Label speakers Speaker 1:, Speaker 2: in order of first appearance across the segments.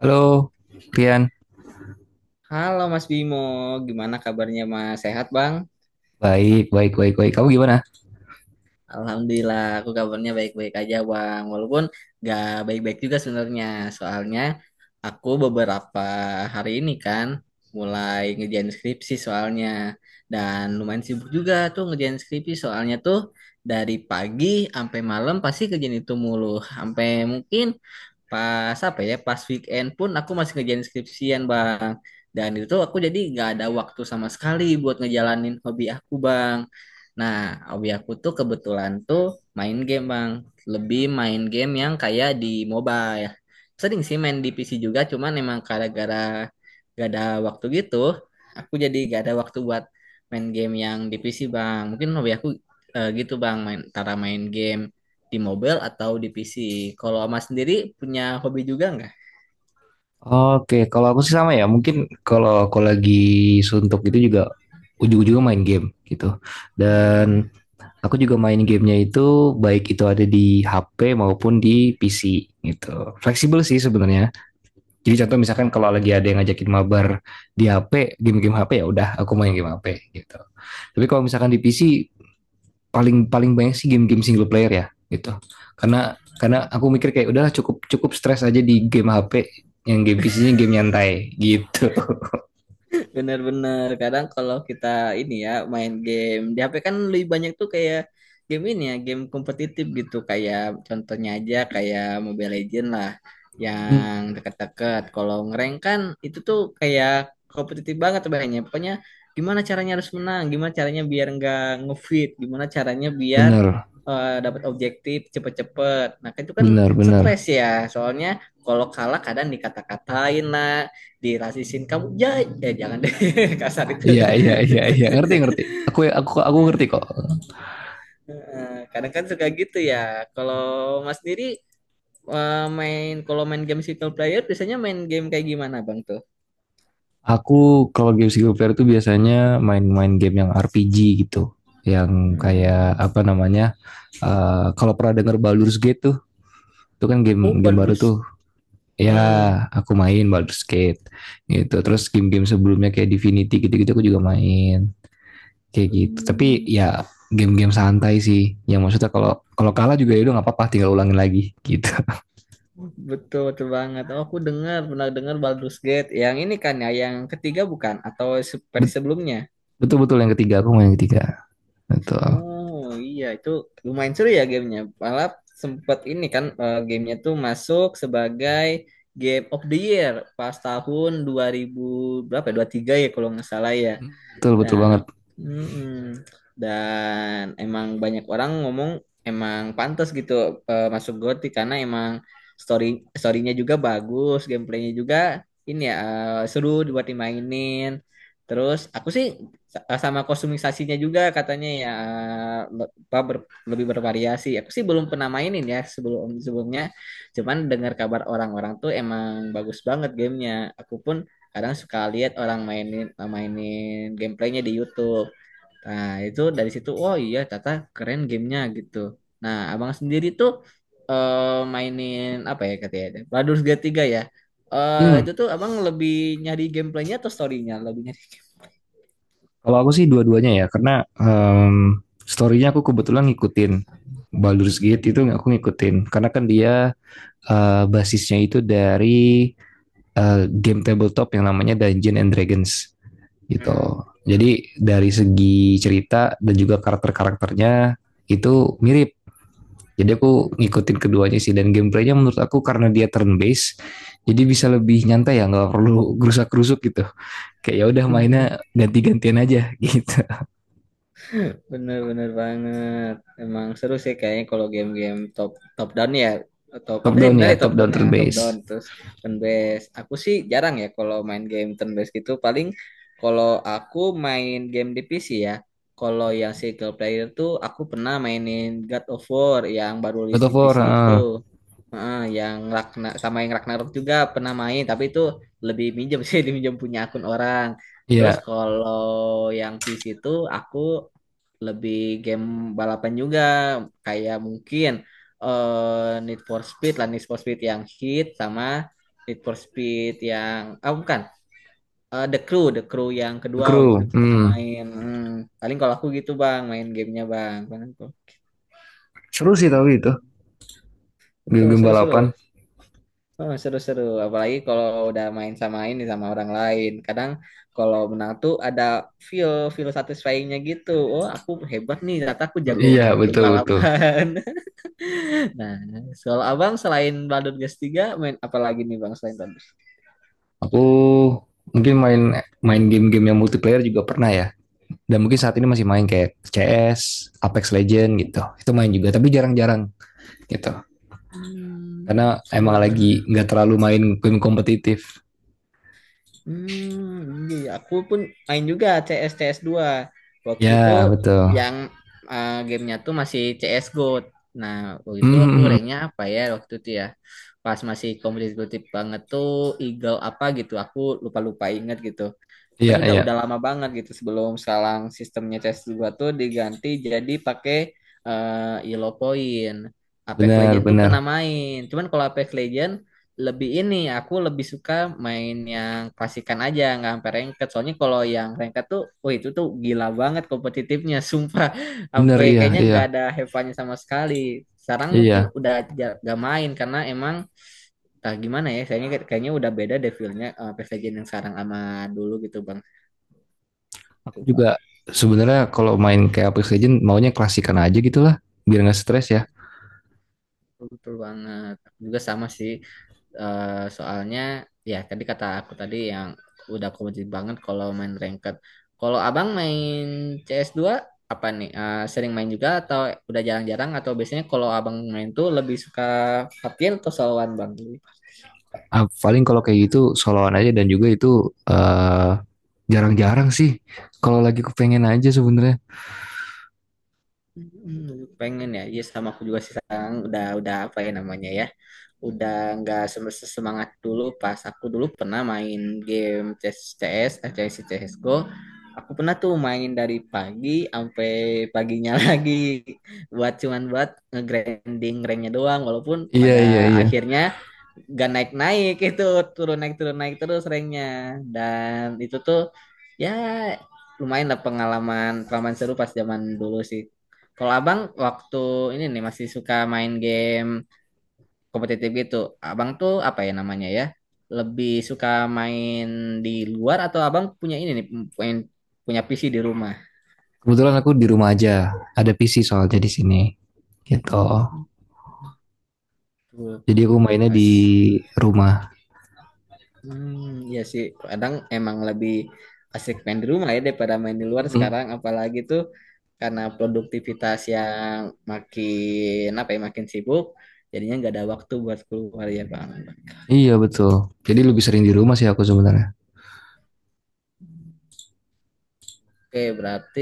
Speaker 1: Halo, Pian.
Speaker 2: Halo Mas Bimo, gimana kabarnya Mas? Sehat Bang?
Speaker 1: Baik, baik, baik, baik. Kamu gimana?
Speaker 2: Alhamdulillah, aku kabarnya baik-baik aja Bang. Walaupun gak baik-baik juga sebenarnya. Soalnya aku beberapa hari ini kan mulai ngerjain skripsi soalnya. Dan lumayan sibuk juga tuh ngerjain skripsi soalnya tuh dari pagi sampai malam pasti kerjaan itu mulu. Sampai mungkin pas apa ya pas weekend pun aku masih ngerjain skripsian bang, dan itu tuh aku jadi nggak ada waktu sama sekali buat ngejalanin hobi aku bang. Nah, hobi aku tuh kebetulan tuh main game bang, lebih main game yang kayak di mobile. Sering sih main di PC juga, cuman emang gara-gara gak ada waktu gitu aku jadi gak ada waktu buat main game yang di PC bang. Mungkin hobi aku gitu bang, main antara main game di mobile atau di PC. Kalau Mas sendiri punya hobi juga nggak?
Speaker 1: Oke, kalau aku sih sama ya. Mungkin kalau aku lagi suntuk itu juga ujung-ujungnya main game gitu.
Speaker 2: Hmm.
Speaker 1: Dan aku juga main gamenya itu baik itu ada di HP maupun di PC gitu. Fleksibel sih sebenarnya. Jadi contoh misalkan kalau lagi ada yang ngajakin mabar di HP, game-game HP ya udah aku main game HP gitu. Tapi kalau misalkan di PC paling paling banyak sih game-game single player ya gitu karena karena aku mikir kayak udahlah cukup cukup stres aja di game HP yang game PC-nya game nyantai gitu.
Speaker 2: Bener-bener, kadang kalau kita ini ya main game di HP kan lebih banyak tuh kayak game ini ya game kompetitif gitu, kayak contohnya aja kayak Mobile Legends lah,
Speaker 1: Hmm,
Speaker 2: yang deket-deket kalau ngerank kan itu tuh kayak kompetitif banget. Banyak pokoknya gimana caranya harus menang, gimana caranya biar nggak nge-feed, gimana caranya biar
Speaker 1: bener
Speaker 2: dapat objektif cepet-cepet. Nah kan itu kan
Speaker 1: bener bener
Speaker 2: stres ya, soalnya kalau kalah kadang dikata-katain lah, dirasisin kamu ya, eh jangan deh kasar itu
Speaker 1: Iya iya iya iya, ngerti ngerti. Aku ngerti kok.
Speaker 2: Heeh, kadang kan suka gitu ya. Kalau mas sendiri main, kalau main game single player biasanya main game kayak gimana bang tuh?
Speaker 1: Aku kalau game single player tuh biasanya main-main game yang RPG gitu, yang kayak
Speaker 2: Hmm.
Speaker 1: apa namanya, kalau pernah denger Baldur's Gate tuh, itu kan
Speaker 2: Oh
Speaker 1: game game baru
Speaker 2: Baldur's.
Speaker 1: tuh. Ya,
Speaker 2: Hmm.
Speaker 1: aku main Baldur's Gate gitu. Terus game-game sebelumnya kayak Divinity gitu-gitu aku juga main kayak gitu. Tapi ya, game-game santai sih. Yang maksudnya kalau kalau juga ya udah nggak apa-apa, tinggal ulangin lagi gitu.
Speaker 2: Betul betul banget. Oh, aku dengar, pernah dengar Baldur's Gate yang ini kan ya, yang ketiga bukan atau versi sebelumnya?
Speaker 1: Betul-betul yang ketiga, aku main yang ketiga. Betul.
Speaker 2: Oh iya, itu lumayan seru ya gamenya. Malah sempat ini kan gamenya tuh masuk sebagai Game of the Year pas tahun 2000 berapa ya? 23 ya kalau nggak salah ya.
Speaker 1: Betul betul
Speaker 2: Nah,
Speaker 1: banget.
Speaker 2: mm-mm. Dan emang banyak orang ngomong emang pantas gitu masuk GOTY karena emang story storynya juga bagus, gameplaynya juga ini ya seru dibuat dimainin. Terus aku sih sama kostumisasinya juga katanya ya, lebih bervariasi. Aku sih belum pernah mainin ya sebelum sebelumnya. Cuman dengar kabar orang-orang tuh emang bagus banget gamenya. Aku pun kadang suka lihat orang mainin mainin gameplaynya di YouTube. Nah itu dari situ, oh iya tata keren gamenya gitu. Nah abang sendiri tuh mainin apa ya katanya Baldur's Gate 3 ya. Eh,
Speaker 1: Hmm.
Speaker 2: itu tuh abang lebih nyari gameplaynya atau storynya lebih nyari?
Speaker 1: Kalau aku sih dua-duanya ya, karena em story-nya aku kebetulan ngikutin. Baldur's Gate itu aku ngikutin karena kan dia basisnya itu dari game tabletop yang namanya Dungeon and Dragons gitu. Jadi dari segi cerita dan juga karakter-karakternya itu mirip. Jadi aku ngikutin keduanya sih, dan gameplaynya menurut aku karena dia turn based, jadi bisa lebih nyantai ya, nggak perlu gerusak-gerusuk gitu. Kayak ya udah mainnya
Speaker 2: Hmm.
Speaker 1: ganti-gantian aja gitu.
Speaker 2: Bener-bener banget. Emang seru sih kayaknya kalau game-game top top down ya. Top
Speaker 1: Top
Speaker 2: apa sih,
Speaker 1: down
Speaker 2: benar
Speaker 1: ya, top down
Speaker 2: ya,
Speaker 1: turn
Speaker 2: top
Speaker 1: based.
Speaker 2: down terus turn based. Aku sih jarang ya kalau main game turn based gitu. Paling kalau aku main game di PC ya. Kalau yang single player tuh aku pernah mainin God of War yang baru
Speaker 1: God
Speaker 2: rilis
Speaker 1: of
Speaker 2: di
Speaker 1: War,
Speaker 2: PC itu.
Speaker 1: ah.
Speaker 2: Heeh, yang Ragna sama yang Ragnarok juga pernah main, tapi itu lebih minjem sih, diminjem punya akun orang. Terus
Speaker 1: Iya,
Speaker 2: kalau yang PC itu aku lebih game balapan juga kayak mungkin Need for Speed lah, Need for Speed yang hit, sama Need for Speed yang ah bukan, The Crew yang
Speaker 1: The
Speaker 2: kedua waktu itu
Speaker 1: Crew.
Speaker 2: pernah
Speaker 1: Hmm.
Speaker 2: main. Hmm, paling kalau aku gitu bang main gamenya bang paling aku.
Speaker 1: Seru sih, tapi itu
Speaker 2: Hmm, betul
Speaker 1: game-game
Speaker 2: seru-seru.
Speaker 1: balapan.
Speaker 2: Oh, seru-seru apalagi kalau udah main sama ini sama orang lain, kadang kalau menang tuh ada feel feel satisfyingnya gitu, oh aku hebat nih ternyata aku jago
Speaker 1: Iya
Speaker 2: main game
Speaker 1: betul betul.
Speaker 2: balapan Nah, soal abang selain Baldur's Gate 3 main apa lagi nih bang selain Baldur's?
Speaker 1: Aku mungkin main main game-game yang multiplayer juga pernah ya. Dan mungkin
Speaker 2: Hmm.
Speaker 1: saat ini masih main kayak CS, Apex Legend gitu. Itu main juga, tapi jarang-jarang gitu. Karena
Speaker 2: Hmm,
Speaker 1: emang lagi
Speaker 2: sama.
Speaker 1: nggak terlalu main game kompetitif.
Speaker 2: Hmm, iya, iya. Aku pun main juga CS CS dua. Waktu itu
Speaker 1: Ya, betul.
Speaker 2: yang gamenya tuh masih CS GO. Nah, waktu itu aku
Speaker 1: Hmm.
Speaker 2: ranknya apa ya waktu itu ya. Pas masih kompetitif banget tuh Eagle apa gitu, aku lupa-lupa inget gitu.
Speaker 1: Iya,
Speaker 2: Pokoknya udah
Speaker 1: iya.
Speaker 2: udah lama banget gitu sebelum sekarang sistemnya cs dua tuh diganti jadi pakai Yellow Point. Apex
Speaker 1: Benar,
Speaker 2: Legend tuh pernah
Speaker 1: benar.
Speaker 2: main. Cuman kalau Apex Legend lebih ini aku lebih suka main yang klasikan aja nggak sampai ranked. Soalnya kalau yang ranked tuh, wah itu tuh gila banget kompetitifnya, sumpah.
Speaker 1: Benar,
Speaker 2: Sampai
Speaker 1: iya,
Speaker 2: kayaknya
Speaker 1: iya.
Speaker 2: nggak ada hevannya sama sekali. Sekarang mungkin
Speaker 1: Iya.
Speaker 2: udah nggak main karena emang entah gimana ya, kayaknya kayaknya udah beda deh feel-nya, Apex Legend yang sekarang sama dulu gitu, Bang.
Speaker 1: Aku
Speaker 2: Betul,
Speaker 1: juga
Speaker 2: Pak.
Speaker 1: sebenarnya kalau main kayak Apex Legend maunya klasikan aja gitu lah. Biar nggak stres ya.
Speaker 2: Betul betul banget. Aku juga sama sih. Eh, soalnya ya tadi kata aku tadi yang udah kompetitif banget kalau main ranked. Kalau Abang main cs dua apa nih? Eh, sering main juga atau udah jarang-jarang, atau biasanya kalau Abang main tuh lebih suka hati atau soloan Bang?
Speaker 1: Ah, paling kalau kayak gitu soloan aja, dan juga itu jarang-jarang sih, kalau lagi kepengen aja sebenarnya.
Speaker 2: Hmm, pengen ya, iya sama aku juga sih. Sekarang udah apa ya namanya ya, udah nggak semangat, dulu pas aku dulu pernah main game CS CS eh, CS:GO, aku pernah tuh main dari pagi sampai paginya lagi, buat cuman buat nge-grinding ranknya doang, walaupun
Speaker 1: Iya
Speaker 2: pada
Speaker 1: iya iya.
Speaker 2: akhirnya gak naik-naik itu, turun naik terus ranknya, dan itu tuh ya lumayan lah, pengalaman pengalaman seru pas zaman dulu sih. Kalau abang waktu ini nih masih suka main game kompetitif gitu, abang tuh apa ya namanya ya? Lebih suka main di luar, atau abang punya ini nih, punya, punya PC di rumah?
Speaker 1: Kebetulan aku di rumah aja. Ada PC soalnya di sini. Gitu.
Speaker 2: Tuh,
Speaker 1: Jadi aku mainnya
Speaker 2: Pas.
Speaker 1: di rumah.
Speaker 2: Hmm, iya sih, kadang emang lebih asik main di rumah ya daripada main di luar
Speaker 1: Mhm.
Speaker 2: sekarang, apalagi tuh karena produktivitas yang makin apa ya makin sibuk, jadinya nggak ada waktu buat keluar ya bang.
Speaker 1: Iya betul. Jadi lebih sering di rumah sih aku sebenarnya.
Speaker 2: Oke, berarti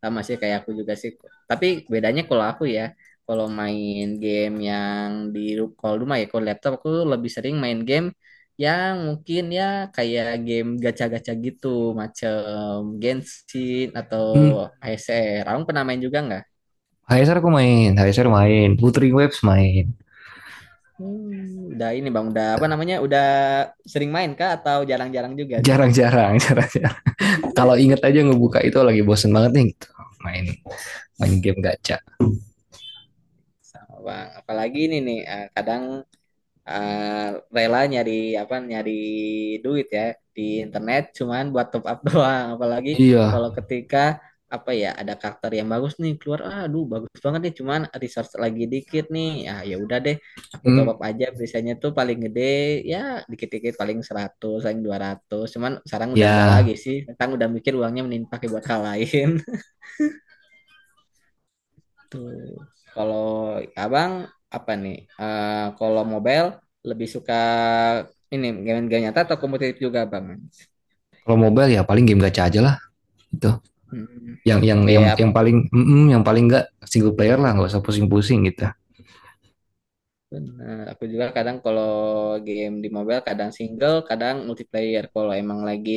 Speaker 2: sama sih kayak aku juga sih. Tapi bedanya kalau aku ya, kalau main game yang di kalau rumah ya, kalau laptop aku lebih sering main game yang mungkin ya kayak game gacha-gacha gitu, macam Genshin atau
Speaker 1: Hmm.
Speaker 2: ASR. Kamu pernah main juga nggak?
Speaker 1: HSR aku main, HSR main, Putri Waves main.
Speaker 2: Hmm, udah ini bang, udah apa namanya? Udah sering main kah atau jarang-jarang juga sih?
Speaker 1: Jarang-jarang, jarang-jarang. Kalau inget aja ngebuka itu, lagi bosen banget nih gitu. Main main game gacha.
Speaker 2: Sama bang. Apalagi ini nih, eh, kadang eh, rela nyari apa nyari duit ya di internet cuman buat top up doang. Apalagi
Speaker 1: Iya.
Speaker 2: kalau ketika apa ya ada karakter yang bagus nih keluar, aduh bagus banget nih cuman resource lagi dikit nih, ah ya udah deh aku top
Speaker 1: Hmm.
Speaker 2: up aja. Biasanya tuh paling gede ya dikit-dikit, paling 100 paling 200. Cuman sekarang udah enggak
Speaker 1: Ya,
Speaker 2: lagi sih, sekarang udah mikir uangnya mending pakai buat hal lain. Hmm. Kalau abang apa nih? Eh, kalau mobile lebih suka ini game-game nyata atau kompetitif juga bang?
Speaker 1: kalau mobile ya paling game gacha aja lah gitu.
Speaker 2: Hmm.
Speaker 1: Yang
Speaker 2: Kayak
Speaker 1: paling yang paling enggak single player lah, nggak usah pusing-pusing gitu.
Speaker 2: benar. Aku juga kadang kalau game di mobile kadang single, kadang multiplayer. Kalau emang lagi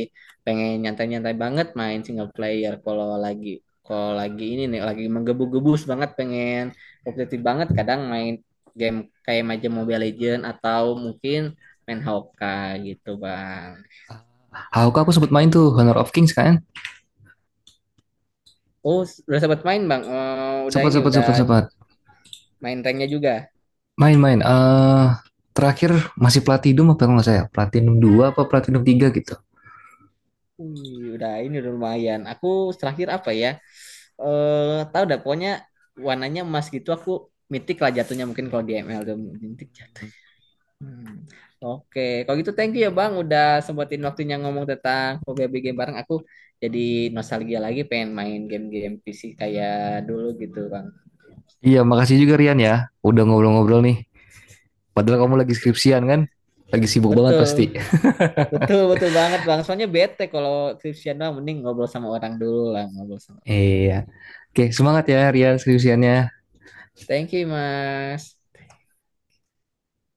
Speaker 2: pengen nyantai-nyantai banget main single player. Kalau lagi ini nih lagi menggebu-gebus banget pengen kompetitif banget, kadang main game kayak macam Mobile Legend atau mungkin main Honkai gitu bang.
Speaker 1: Haruka aku sempat main tuh Honor of Kings kan?
Speaker 2: Oh, udah sempat main Bang. Eh, udah
Speaker 1: Sempat
Speaker 2: ini
Speaker 1: sempat
Speaker 2: udah
Speaker 1: sempat sempat
Speaker 2: main ranknya juga.
Speaker 1: main-main. Terakhir masih Platinum apa nggak saya? Platinum 2 apa Platinum tiga gitu.
Speaker 2: Wih, udah ini udah lumayan. Aku terakhir apa ya? Eh, tahu dah pokoknya warnanya emas gitu, aku mitik lah jatuhnya, mungkin kalau di ML tuh mitik jatuh. Hmm. Oke, kalau gitu thank you ya Bang udah sempetin waktunya ngomong tentang hobi game bareng. Aku jadi nostalgia lagi pengen main game-game PC kayak dulu gitu Bang.
Speaker 1: Iya, makasih juga Rian ya. Udah ngobrol-ngobrol nih. Padahal kamu lagi
Speaker 2: Oke.
Speaker 1: skripsian kan? Lagi sibuk banget
Speaker 2: Betul.
Speaker 1: pasti.
Speaker 2: Betul, betul banget Bang. Soalnya bete kalau Cristiano mending ngobrol sama orang dulu lah, ngobrol sama.
Speaker 1: Iya. Oke, semangat ya Rian skripsiannya.
Speaker 2: Thank you, Mas.